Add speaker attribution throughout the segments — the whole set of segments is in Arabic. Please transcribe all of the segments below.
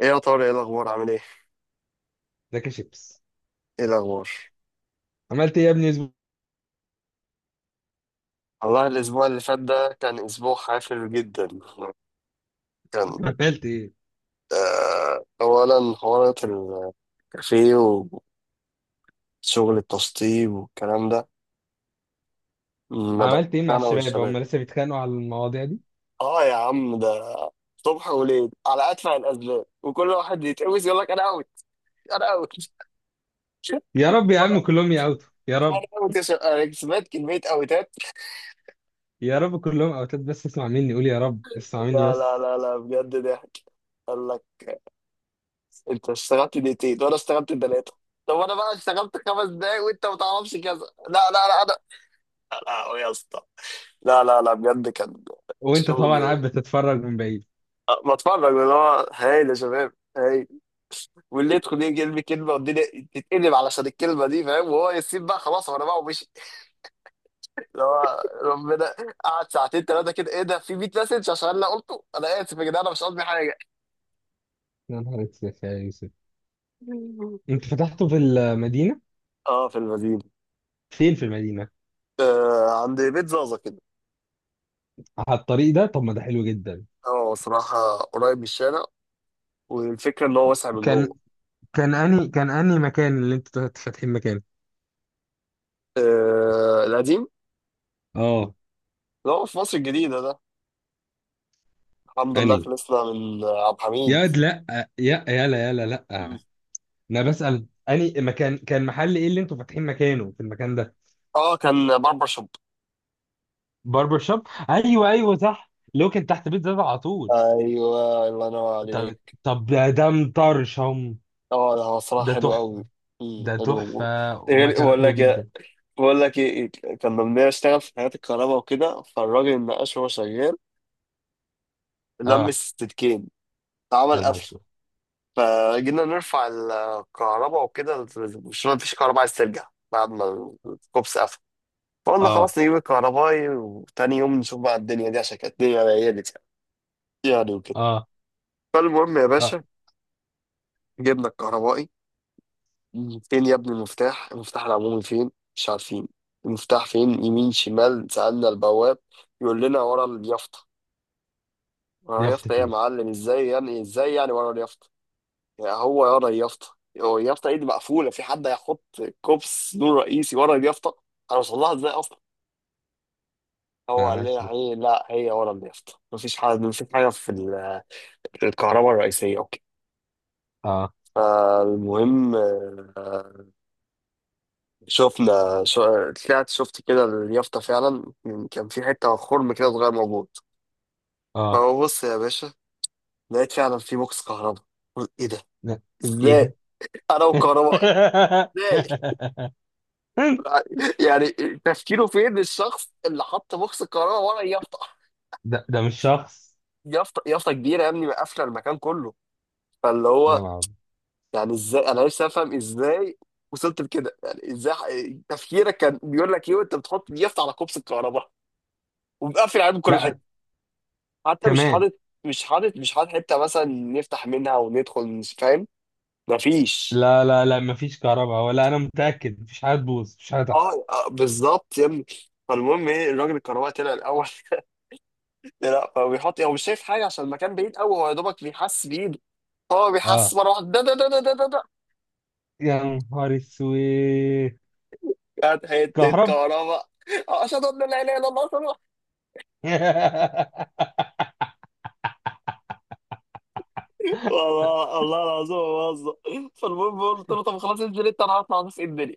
Speaker 1: ايه يا طارق، ايه الاخبار، عامل ايه؟
Speaker 2: ذاك شيبس.
Speaker 1: ايه الاخبار؟
Speaker 2: عملت ايه يا ابني الاسبوع
Speaker 1: والله الاسبوع اللي فات ده كان اسبوع حافل جدا.
Speaker 2: اللي
Speaker 1: كان
Speaker 2: فات؟ عملت ايه
Speaker 1: آه اولا حوارات الكافيه وشغل التشطيب والكلام ده ما بقى.
Speaker 2: عملت ايه مع
Speaker 1: انا
Speaker 2: الشباب؟
Speaker 1: والشباب،
Speaker 2: هم لسه بيتخانقوا على المواضيع دي؟
Speaker 1: اه يا عم، ده صبح وليل على ادفع الاسباب وكل واحد يتقوس يقول لك انا اوت. انا اوت. انا
Speaker 2: يا رب يا عم، كلهم يأوتوا يا
Speaker 1: أنا
Speaker 2: رب.
Speaker 1: اوت يا شباب. انا سمعت كميه اوتات.
Speaker 2: يا رب كلهم اوتات، بس اسمع مني، قول يا رب، اسمع مني
Speaker 1: لا، لا،
Speaker 2: بس.
Speaker 1: لا، لا، بجد ضحك. قال لك انت اشتغلت دقيقتين وانا اشتغلت ثلاثه. طب انا بقى اشتغلت خمس دقايق وانت ما تعرفش كذا. لا، لا، لا، لا يا اسطى. لا، لا، لا، بجد
Speaker 2: وانت طبعا
Speaker 1: شغل.
Speaker 2: قاعد بتتفرج من بعيد؟
Speaker 1: بتفرج اللي هو هايل يا شباب، هايل. واللي يدخل يجي يرمي كلمه والدنيا تتقلب علشان الكلمه دي، فاهم؟ وهو يسيب بقى خلاص وانا بقى ومشي، اللي هو ربنا. قعد ساعتين ثلاثه كده، ايه ده، في 100 مسج عشان انا قلته انا اسف يا جدعان، انا مش قصدي حاجه.
Speaker 2: يا نهار اسود يا يوسف! انت فتحته في المدينه؟
Speaker 1: اه في المدينه.
Speaker 2: فين في المدينه؟
Speaker 1: آه عند بيت زازا كده.
Speaker 2: على الطريق ده؟ طب ما ده حلو جدا.
Speaker 1: هو صراحة قريب من الشارع، والفكرة إن هو واسع من
Speaker 2: كان
Speaker 1: جوه.
Speaker 2: كان اني مكان اللي انتوا فاتحين مكانه.
Speaker 1: آه القديم.
Speaker 2: اه.
Speaker 1: اللي هو في مصر الجديدة ده، الحمد لله
Speaker 2: اني
Speaker 1: خلصنا من عبد
Speaker 2: يا
Speaker 1: الحميد.
Speaker 2: واد لا، يا يلا يلا لا.
Speaker 1: مم.
Speaker 2: انا بسأل اني مكان كان محل ايه اللي انتوا فاتحين مكانه في المكان ده؟
Speaker 1: اه كان باربر شوب.
Speaker 2: باربر شوب، ايوه ايوه صح، اللي هو كان تحت بيت زاد على طول.
Speaker 1: ايوه الله ينور
Speaker 2: طب
Speaker 1: عليك.
Speaker 2: طب ده مطرشم.
Speaker 1: اه ده هو صراحة
Speaker 2: ده
Speaker 1: حلو قوي.
Speaker 2: تحفة.
Speaker 1: مم،
Speaker 2: ده تحفة.
Speaker 1: حلو. غير
Speaker 2: ومكانه
Speaker 1: بقول لك
Speaker 2: حلو جدا.
Speaker 1: إيه- بقول لك ايه؟ كان لما اشتغل في حياة الكهرباء وكده، فالراجل النقاش وهو شغال لم
Speaker 2: اه.
Speaker 1: السلكين
Speaker 2: يا
Speaker 1: عمل
Speaker 2: نهار
Speaker 1: قفل.
Speaker 2: اسود.
Speaker 1: فجينا نرفع الكهرباء وكده، مش مفيش كهرباء عايز ترجع بعد ما الكوبس قفل. فقلنا
Speaker 2: اه،
Speaker 1: خلاص نجيب الكهربائي وتاني يوم نشوف بقى الدنيا دي، عشان كانت الدنيا ليلت يعني وكده.
Speaker 2: اه،
Speaker 1: فالمهم يا
Speaker 2: اه.
Speaker 1: باشا، جبنا الكهربائي. فين يا ابني المفتاح، المفتاح العمومي فين؟ مش عارفين المفتاح فين، يمين شمال. سألنا البواب، يقول لنا ورا اليافطة. ورا اليافطة
Speaker 2: يافطة
Speaker 1: ايه يا
Speaker 2: ايه؟
Speaker 1: معلم؟ ازاي يعني، ازاي يعني ورا اليافطة؟ يا هو يا اليافطه، هو اليافطه ايه دي مقفوله، في حد هيحط كوبس نور رئيسي ورا اليافطه؟ هنوصل لها ازاي اصلا؟
Speaker 2: يا
Speaker 1: هو قال
Speaker 2: نهار
Speaker 1: لنا
Speaker 2: اسود.
Speaker 1: هي، لا هي ورا اليافطه، مفيش حاجه، مفيش حاجه في الكهرباء الرئيسيه، اوكي؟
Speaker 2: اه،
Speaker 1: فالمهم شفنا طلعت شفت كده اليافطه فعلا، كان في حته خرم كده صغير موجود.
Speaker 2: اه.
Speaker 1: فببص يا باشا، لقيت فعلا في بوكس كهرباء. قلت ايه ده؟
Speaker 2: لا. ايه ده؟
Speaker 1: ازاي؟ انا وكهرباء؟ ازاي؟ يعني تفكيره فين الشخص اللي حط بوكس الكهرباء ورا يافطه؟
Speaker 2: ده مش شخص.
Speaker 1: يافطه كبيره يا ابني، قافله المكان كله. فاللي
Speaker 2: يا
Speaker 1: هو
Speaker 2: نهار أبيض.
Speaker 1: يعني ازاي؟ انا نفسي افهم ازاي وصلت لكده يعني. ازاي تفكيرك كان بيقول لك ايه وانت بتحط اليافطه على كوبس الكهرباء ومقفل عليه من كل حته؟
Speaker 2: لا،
Speaker 1: حتى مش
Speaker 2: كمان.
Speaker 1: حاطط، مش حاطط حته مثلا نفتح منها وندخل. مش فاهم، مفيش.
Speaker 2: لا، لا، لا، مفيش كهرباء، ولا انا متاكد مفيش حاجه تبوظ، مفيش حاجه تحصل.
Speaker 1: اه بالظبط يا ابني. فالمهم ايه، الراجل الكهرباء طلع الاول. لا هو بيحط، هو مش شايف حاجه، عشان المكان بعيد قوي، هو يا دوبك بيحس بايده. هو بيحس
Speaker 2: اه.
Speaker 1: مرة واحدة، ده ده ده ده ده ده ده،
Speaker 2: يا نهار اسود.
Speaker 1: كانت حتة
Speaker 2: كهرب.
Speaker 1: كهرباء. أشهد أن لا إله إلا الله، صلى الله. والله الله العظيم ما بهزر. فالمهم قلت له طب خلاص، انزل أنت، أنا هطلع أشوف إيه الدنيا.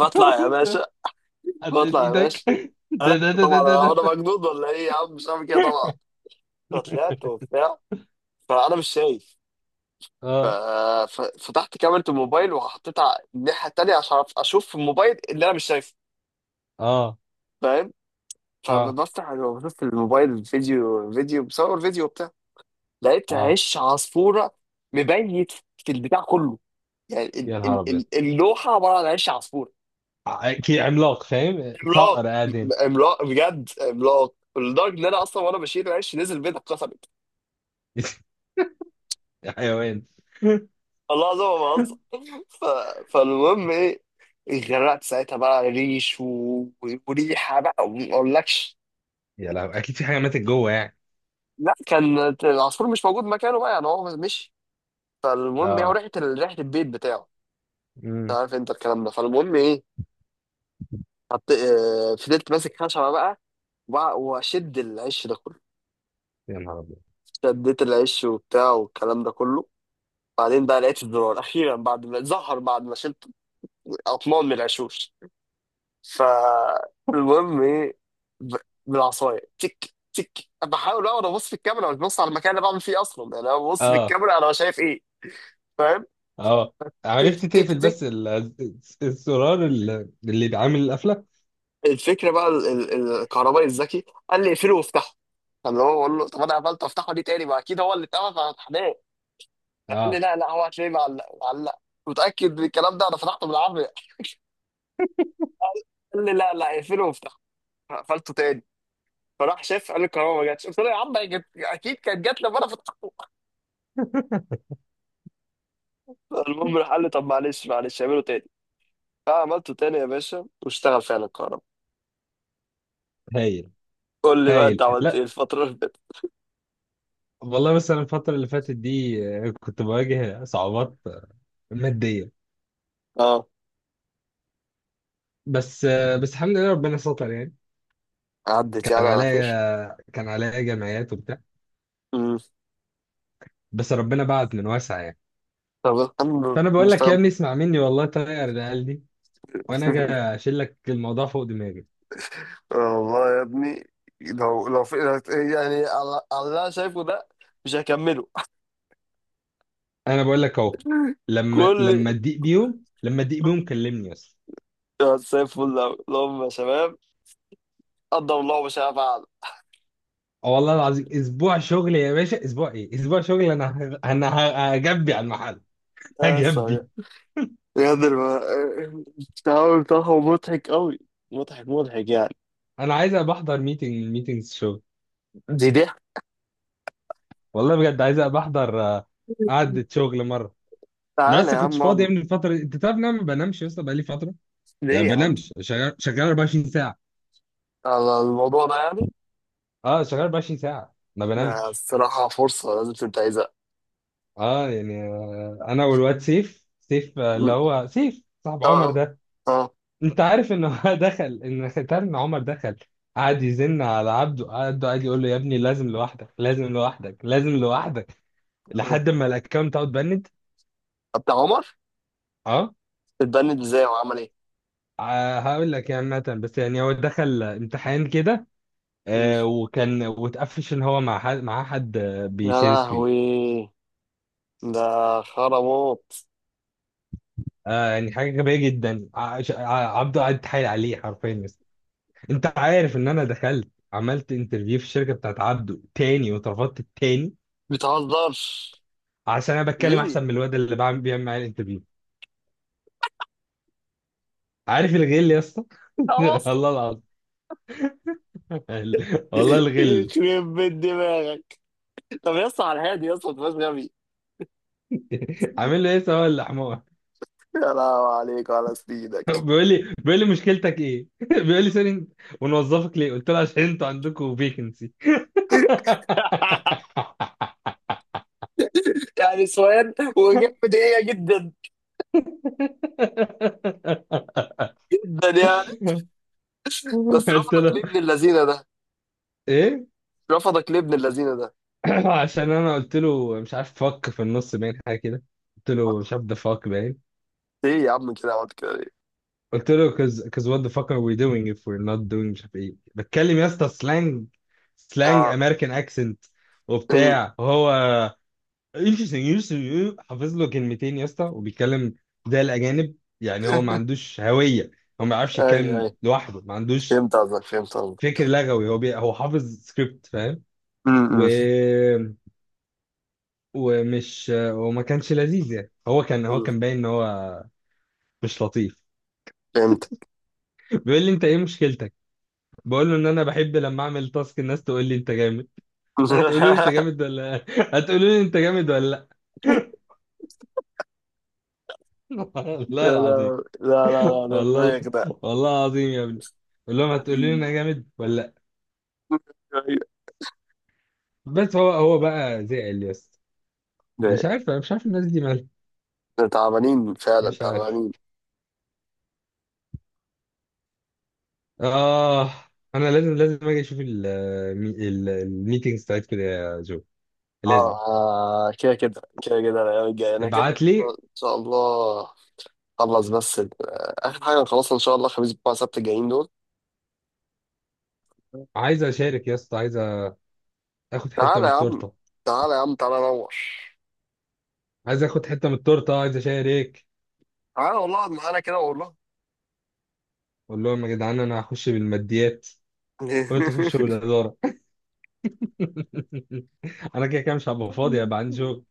Speaker 1: بطلع يا باشا،
Speaker 2: حطيت
Speaker 1: بطلع يا
Speaker 2: ايدك؟
Speaker 1: باشا.
Speaker 2: ده
Speaker 1: لا
Speaker 2: ده ده ده
Speaker 1: طبعا، أنا
Speaker 2: ده
Speaker 1: هو أنا
Speaker 2: ده.
Speaker 1: مجنون ولا إيه يا عم؟ مش عارف كده طبعا. فطلعت وبتاع، فأنا مش شايف. ف-
Speaker 2: اه،
Speaker 1: ففتحت كاميرا الموبايل وحطيتها على الناحية التانية عشان أعرف أشوف في الموبايل اللي أنا مش شايفه،
Speaker 2: اه،
Speaker 1: فاهم؟
Speaker 2: اه،
Speaker 1: فبفتح بشوف في الموبايل، فيديو، فيديو بصور فيديو وبتاع، لقيت
Speaker 2: اه.
Speaker 1: هش عصفوره مبيت في البتاع كله. يعني ال
Speaker 2: يا نهار
Speaker 1: ال
Speaker 2: ابيض.
Speaker 1: ال اللوحه عباره عن هش عصفوره
Speaker 2: اكيد عملاق، فاهم صقر
Speaker 1: عملاق.
Speaker 2: قاعدين.
Speaker 1: عملاق بجد، عملاق لدرجه ان انا اصلا وانا بشيل العش نزل بيتي اتكسرت.
Speaker 2: حيوان.
Speaker 1: الله العظيم ما بهزر. ف... فالمهم ايه، اتغرقت ساعتها بقى ريش وريحه بقى وما اقولكش.
Speaker 2: يا لهوي، اكيد في حاجه ماتت جوه يعني.
Speaker 1: لا كان العصفور مش موجود مكانه بقى، يعني هو مشي. فالمهم ايه، هو
Speaker 2: اه.
Speaker 1: ريحه ريحه البيت بتاعه. انت
Speaker 2: امم.
Speaker 1: عارف انت الكلام ده. فالمهم ايه، فضلت ماسك خشبه بقى واشد العش ده كله.
Speaker 2: يا نهار ابيض.
Speaker 1: شديت العش وبتاع والكلام ده كله، بعدين بقى لقيت الزرار اخيرا بعد ما ظهر، بعد ما شلت اطنان من العشوش. فالمهم ايه، ب- بالعصايه، تك تك، بحاول اقعد ابص في الكاميرا، مش ببص على المكان اللي بعمل فيه اصلا، يعني انا ببص في
Speaker 2: اه،
Speaker 1: الكاميرا انا شايف ايه، فاهم؟
Speaker 2: اه.
Speaker 1: تك
Speaker 2: عرفت
Speaker 1: تك
Speaker 2: تقفل
Speaker 1: تك.
Speaker 2: بس الزرار اللي بيعمل القفله؟
Speaker 1: الفكره بقى، الكهربائي الذكي قال لي اقفله وافتحه. فاللي هو بقول له طب انا قفلت وافتحه دي تاني، ما اكيد هو اللي اتقفل فهتحناه. قال لي
Speaker 2: اه.
Speaker 1: لا لا، هو هتلاقيه معلق معلق. متأكد من الكلام ده، انا فتحته بالعافية. قال لي لا لا، اقفله وافتحه. قفلته تاني، فراح شاف، قال لي الكهرباء ما جاتش. قلت له يا عم هي جت، اكيد كانت جات لما انا فتحته. المهم راح قال لي طب معلش معلش اعمله تاني. فعملته تاني يا باشا واشتغل فعلا الكهرباء.
Speaker 2: هايل.
Speaker 1: قول لي بقى انت
Speaker 2: هايل،
Speaker 1: عملت ايه
Speaker 2: لا.
Speaker 1: الفترة اللي فاتت.
Speaker 2: والله بس انا الفتره اللي فاتت دي، كنت بواجه صعوبات ماديه،
Speaker 1: اه.
Speaker 2: بس بس الحمد لله ربنا ستر يعني.
Speaker 1: عدت
Speaker 2: كان
Speaker 1: يعني على خير.
Speaker 2: عليا كان عليا جمعيات وبتاع،
Speaker 1: امم.
Speaker 2: بس ربنا بعت من واسع يعني.
Speaker 1: طب الحمد لله.
Speaker 2: فانا بقول لك يا
Speaker 1: مستغرب.
Speaker 2: ابني، اسمع مني والله، طير العيال دي، وانا اجي اشيل لك الموضوع فوق دماغي.
Speaker 1: والله يا ابني، لو في يعني، على اللي انا شايفه ده، مش هكمله.
Speaker 2: انا بقول لك اهو، لما
Speaker 1: كل،
Speaker 2: لما تضيق بيهم، لما تضيق بيهم كلمني بس.
Speaker 1: يا زي الفل أوي اللهم يا شباب. قدم الله وشاء فعل.
Speaker 2: اه والله العظيم، اسبوع شغل يا باشا، اسبوع ايه؟ اسبوع شغل. انا هجبي على المحل.
Speaker 1: يا سلام.
Speaker 2: هجبي.
Speaker 1: بجد التعامل بتاعهم مضحك أوي، مضحك مضحك يعني.
Speaker 2: انا عايز ابقى احضر ميتنجز شغل.
Speaker 1: دي ضحك.
Speaker 2: والله بجد عايز ابقى احضر قعدة شغل مرة. انا
Speaker 1: تعالى
Speaker 2: بس
Speaker 1: يا
Speaker 2: كنتش
Speaker 1: عم
Speaker 2: فاضي
Speaker 1: اقعد.
Speaker 2: من الفترة دي، انت تعرف ان انا ما بنامش، لسه بقالي فترة يعني
Speaker 1: ليه يا
Speaker 2: ما
Speaker 1: عم؟
Speaker 2: بنامش، شغال 24 ساعة.
Speaker 1: على الموضوع ده يعني.
Speaker 2: اه، شغال 24 ساعة ما
Speaker 1: ده
Speaker 2: بنامش.
Speaker 1: الصراحة فرصة لازم تنتهزها.
Speaker 2: اه، يعني انا والواد سيف اللي
Speaker 1: م.
Speaker 2: هو سيف صاحب
Speaker 1: اه.
Speaker 2: عمر ده.
Speaker 1: اه.
Speaker 2: انت عارف ان هو دخل، ان انت عارف ان عمر دخل، قعد يزن على عبده. عبده قعد يقول له يا ابني لازم لوحدك، لازم لوحدك، لازم لوحدك،
Speaker 1: اه
Speaker 2: لحد ما الاكونت اوت بند.
Speaker 1: بتاع عمر.
Speaker 2: اه.
Speaker 1: اتبند ازاي وعمل ايه؟
Speaker 2: هقول لك يعني مثلا، بس يعني هو دخل امتحان كده،
Speaker 1: م.
Speaker 2: وكان واتقفش ان هو مع حد
Speaker 1: يا
Speaker 2: بيشير سكرين.
Speaker 1: لهوي، ده خرموط.
Speaker 2: يعني حاجه غبيه جدا. عبده قعد يتحايل عليه حرفيا بس. انت عارف ان انا دخلت، عملت انترفيو في الشركه بتاعت عبده تاني، واترفضت التاني،
Speaker 1: بتهزرش؟
Speaker 2: عشان انا بتكلم احسن
Speaker 1: ليه؟
Speaker 2: من الواد اللي بيعمل معايا الانترفيو. عارف الغل يا اسطى؟
Speaker 1: خلاص.
Speaker 2: والله العظيم. والله الغل.
Speaker 1: يخرب بيت دماغك. طب يا اسطى على الهادي يا اسطى، ما تبقاش غبي.
Speaker 2: عامل له ايه سواء الحمار.
Speaker 1: يا لهوي عليك وعلى سنينك.
Speaker 2: بيقول لي مشكلتك ايه؟ بيقول لي سوري، ونوظفك ليه؟ قلت له عشان انتوا عندكم فيكنسي.
Speaker 1: يعني سؤال وإجابة بدقيقة، جدا جدا يعني. بس
Speaker 2: قلت
Speaker 1: رفضك
Speaker 2: له
Speaker 1: ليه ابن اللذينه ده؟
Speaker 2: ايه؟
Speaker 1: رفضك ليه ابن اللذينه ده؟
Speaker 2: عشان انا قلت له مش عارف، فك في النص باين حاجه كده. قلت له مش عارف، ده فك باين.
Speaker 1: ايه يا عم كده، عملت كده ليه؟
Speaker 2: قلت له cause, what the fuck are we doing if we're not doing، مش عارف ايه. بتكلم يا اسطى سلانج
Speaker 1: اه.
Speaker 2: امريكان اكسنت،
Speaker 1: أمم.
Speaker 2: وبتاع. هو يوشي يوشي يو حافظ له كلمتين يا اسطى، وبيتكلم زي الاجانب. يعني هو ما عندوش هويه، هو ما بيعرفش
Speaker 1: اي
Speaker 2: يتكلم
Speaker 1: اي،
Speaker 2: لوحده، ما عندوش
Speaker 1: فهمت قصدك، فهمت قصدك.
Speaker 2: فكر لغوي. هو حافظ سكريبت فاهم.
Speaker 1: أمم،
Speaker 2: و...
Speaker 1: أمم،
Speaker 2: ومش وما كانش لذيذ يعني. هو كان هو
Speaker 1: أمم.
Speaker 2: كان باين ان هو مش لطيف.
Speaker 1: فهمت.
Speaker 2: بيقول لي انت ايه مشكلتك؟ بقول له ان انا بحب لما اعمل تاسك الناس تقول لي انت جامد. هتقولوا لي انت جامد ولا، هتقولوا لي انت جامد ولا لا؟ والله
Speaker 1: يا
Speaker 2: العظيم.
Speaker 1: لهوي. لا لا لا، ده
Speaker 2: والله،
Speaker 1: دماغك ده.
Speaker 2: والله العظيم يا ابني، قول لهم هتقول لي انا جامد ولا لا.
Speaker 1: أيوة.
Speaker 2: بس هو بقى زعل يا اسطى.
Speaker 1: ده،
Speaker 2: مش عارف، انا مش عارف الناس دي مالها.
Speaker 1: ده تعبانين فعلا،
Speaker 2: مش عارف.
Speaker 1: تعبانين.
Speaker 2: اه، انا لازم اجي اشوف الميتينجز بتاعتكم كده يا جو،
Speaker 1: اه
Speaker 2: لازم.
Speaker 1: كده كده كده كده الايام الجايه انا كده كده
Speaker 2: ابعت لي.
Speaker 1: ان شاء الله. خلص بس اخر حاجه نخلصها ان شاء الله خميس بتوع سبت الجايين دول.
Speaker 2: عايز اشارك يا اسطى، عايز اخد حته
Speaker 1: تعالى
Speaker 2: من
Speaker 1: يا عم،
Speaker 2: التورته،
Speaker 1: تعالى يا عم، تعالى نور.
Speaker 2: عايز اخد حته من التورته، عايز اشارك.
Speaker 1: تعالى والله اقعد معانا كده والله.
Speaker 2: قول لهم يا جدعان انا هخش بالماديات، وانتوا خشوا بالاداره. انا كده كده مش هبقى فاضي، هبقى عندي شغل.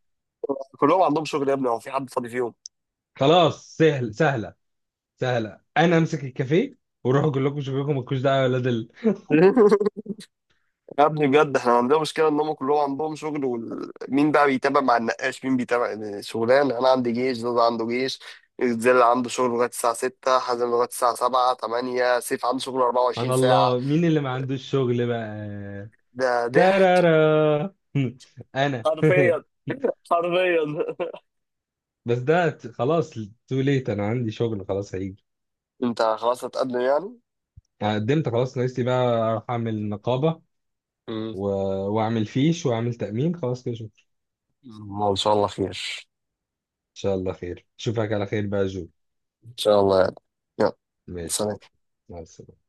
Speaker 1: كلهم عندهم شغل يا ابني، هو في حد فاضي فيهم؟
Speaker 2: خلاص، سهلة، أنا أمسك الكافيه وأروح أقول لكم شوفوا لكم، مالكوش دعوة يا ولاد.
Speaker 1: يا ابني بجد احنا عندنا مشكله ان هم كلهم عندهم شغل، ومين بقى بيتابع مع النقاش؟ مين بيتابع يعني شغلانه؟ انا عندي جيش، زوز عنده جيش، زل عنده شغل لغايه الساعه 6، حازم لغايه الساعه 7 8، سيف عنده شغل
Speaker 2: سبحان
Speaker 1: 24 ساعه.
Speaker 2: الله، مين اللي ما عندوش شغل بقى؟
Speaker 1: ده ضحك
Speaker 2: ترارا. أنا.
Speaker 1: حرفيا، حرفيا.
Speaker 2: بس ده خلاص، تو ليت أنا عندي شغل، خلاص هيجي.
Speaker 1: انت خلاص هتقدم يعني؟
Speaker 2: أنا قدمت خلاص، ناقص لي بقى أروح أعمل نقابة،
Speaker 1: امم.
Speaker 2: و... وأعمل فيش، وأعمل تأمين، خلاص كده، شكرا.
Speaker 1: ما ان شاء الله خير.
Speaker 2: إن شاء الله خير، أشوفك على خير بقى يا جو.
Speaker 1: ان شاء الله يعني. يلا،
Speaker 2: ماشي يا
Speaker 1: سلام.
Speaker 2: أخوي. مع السلامة.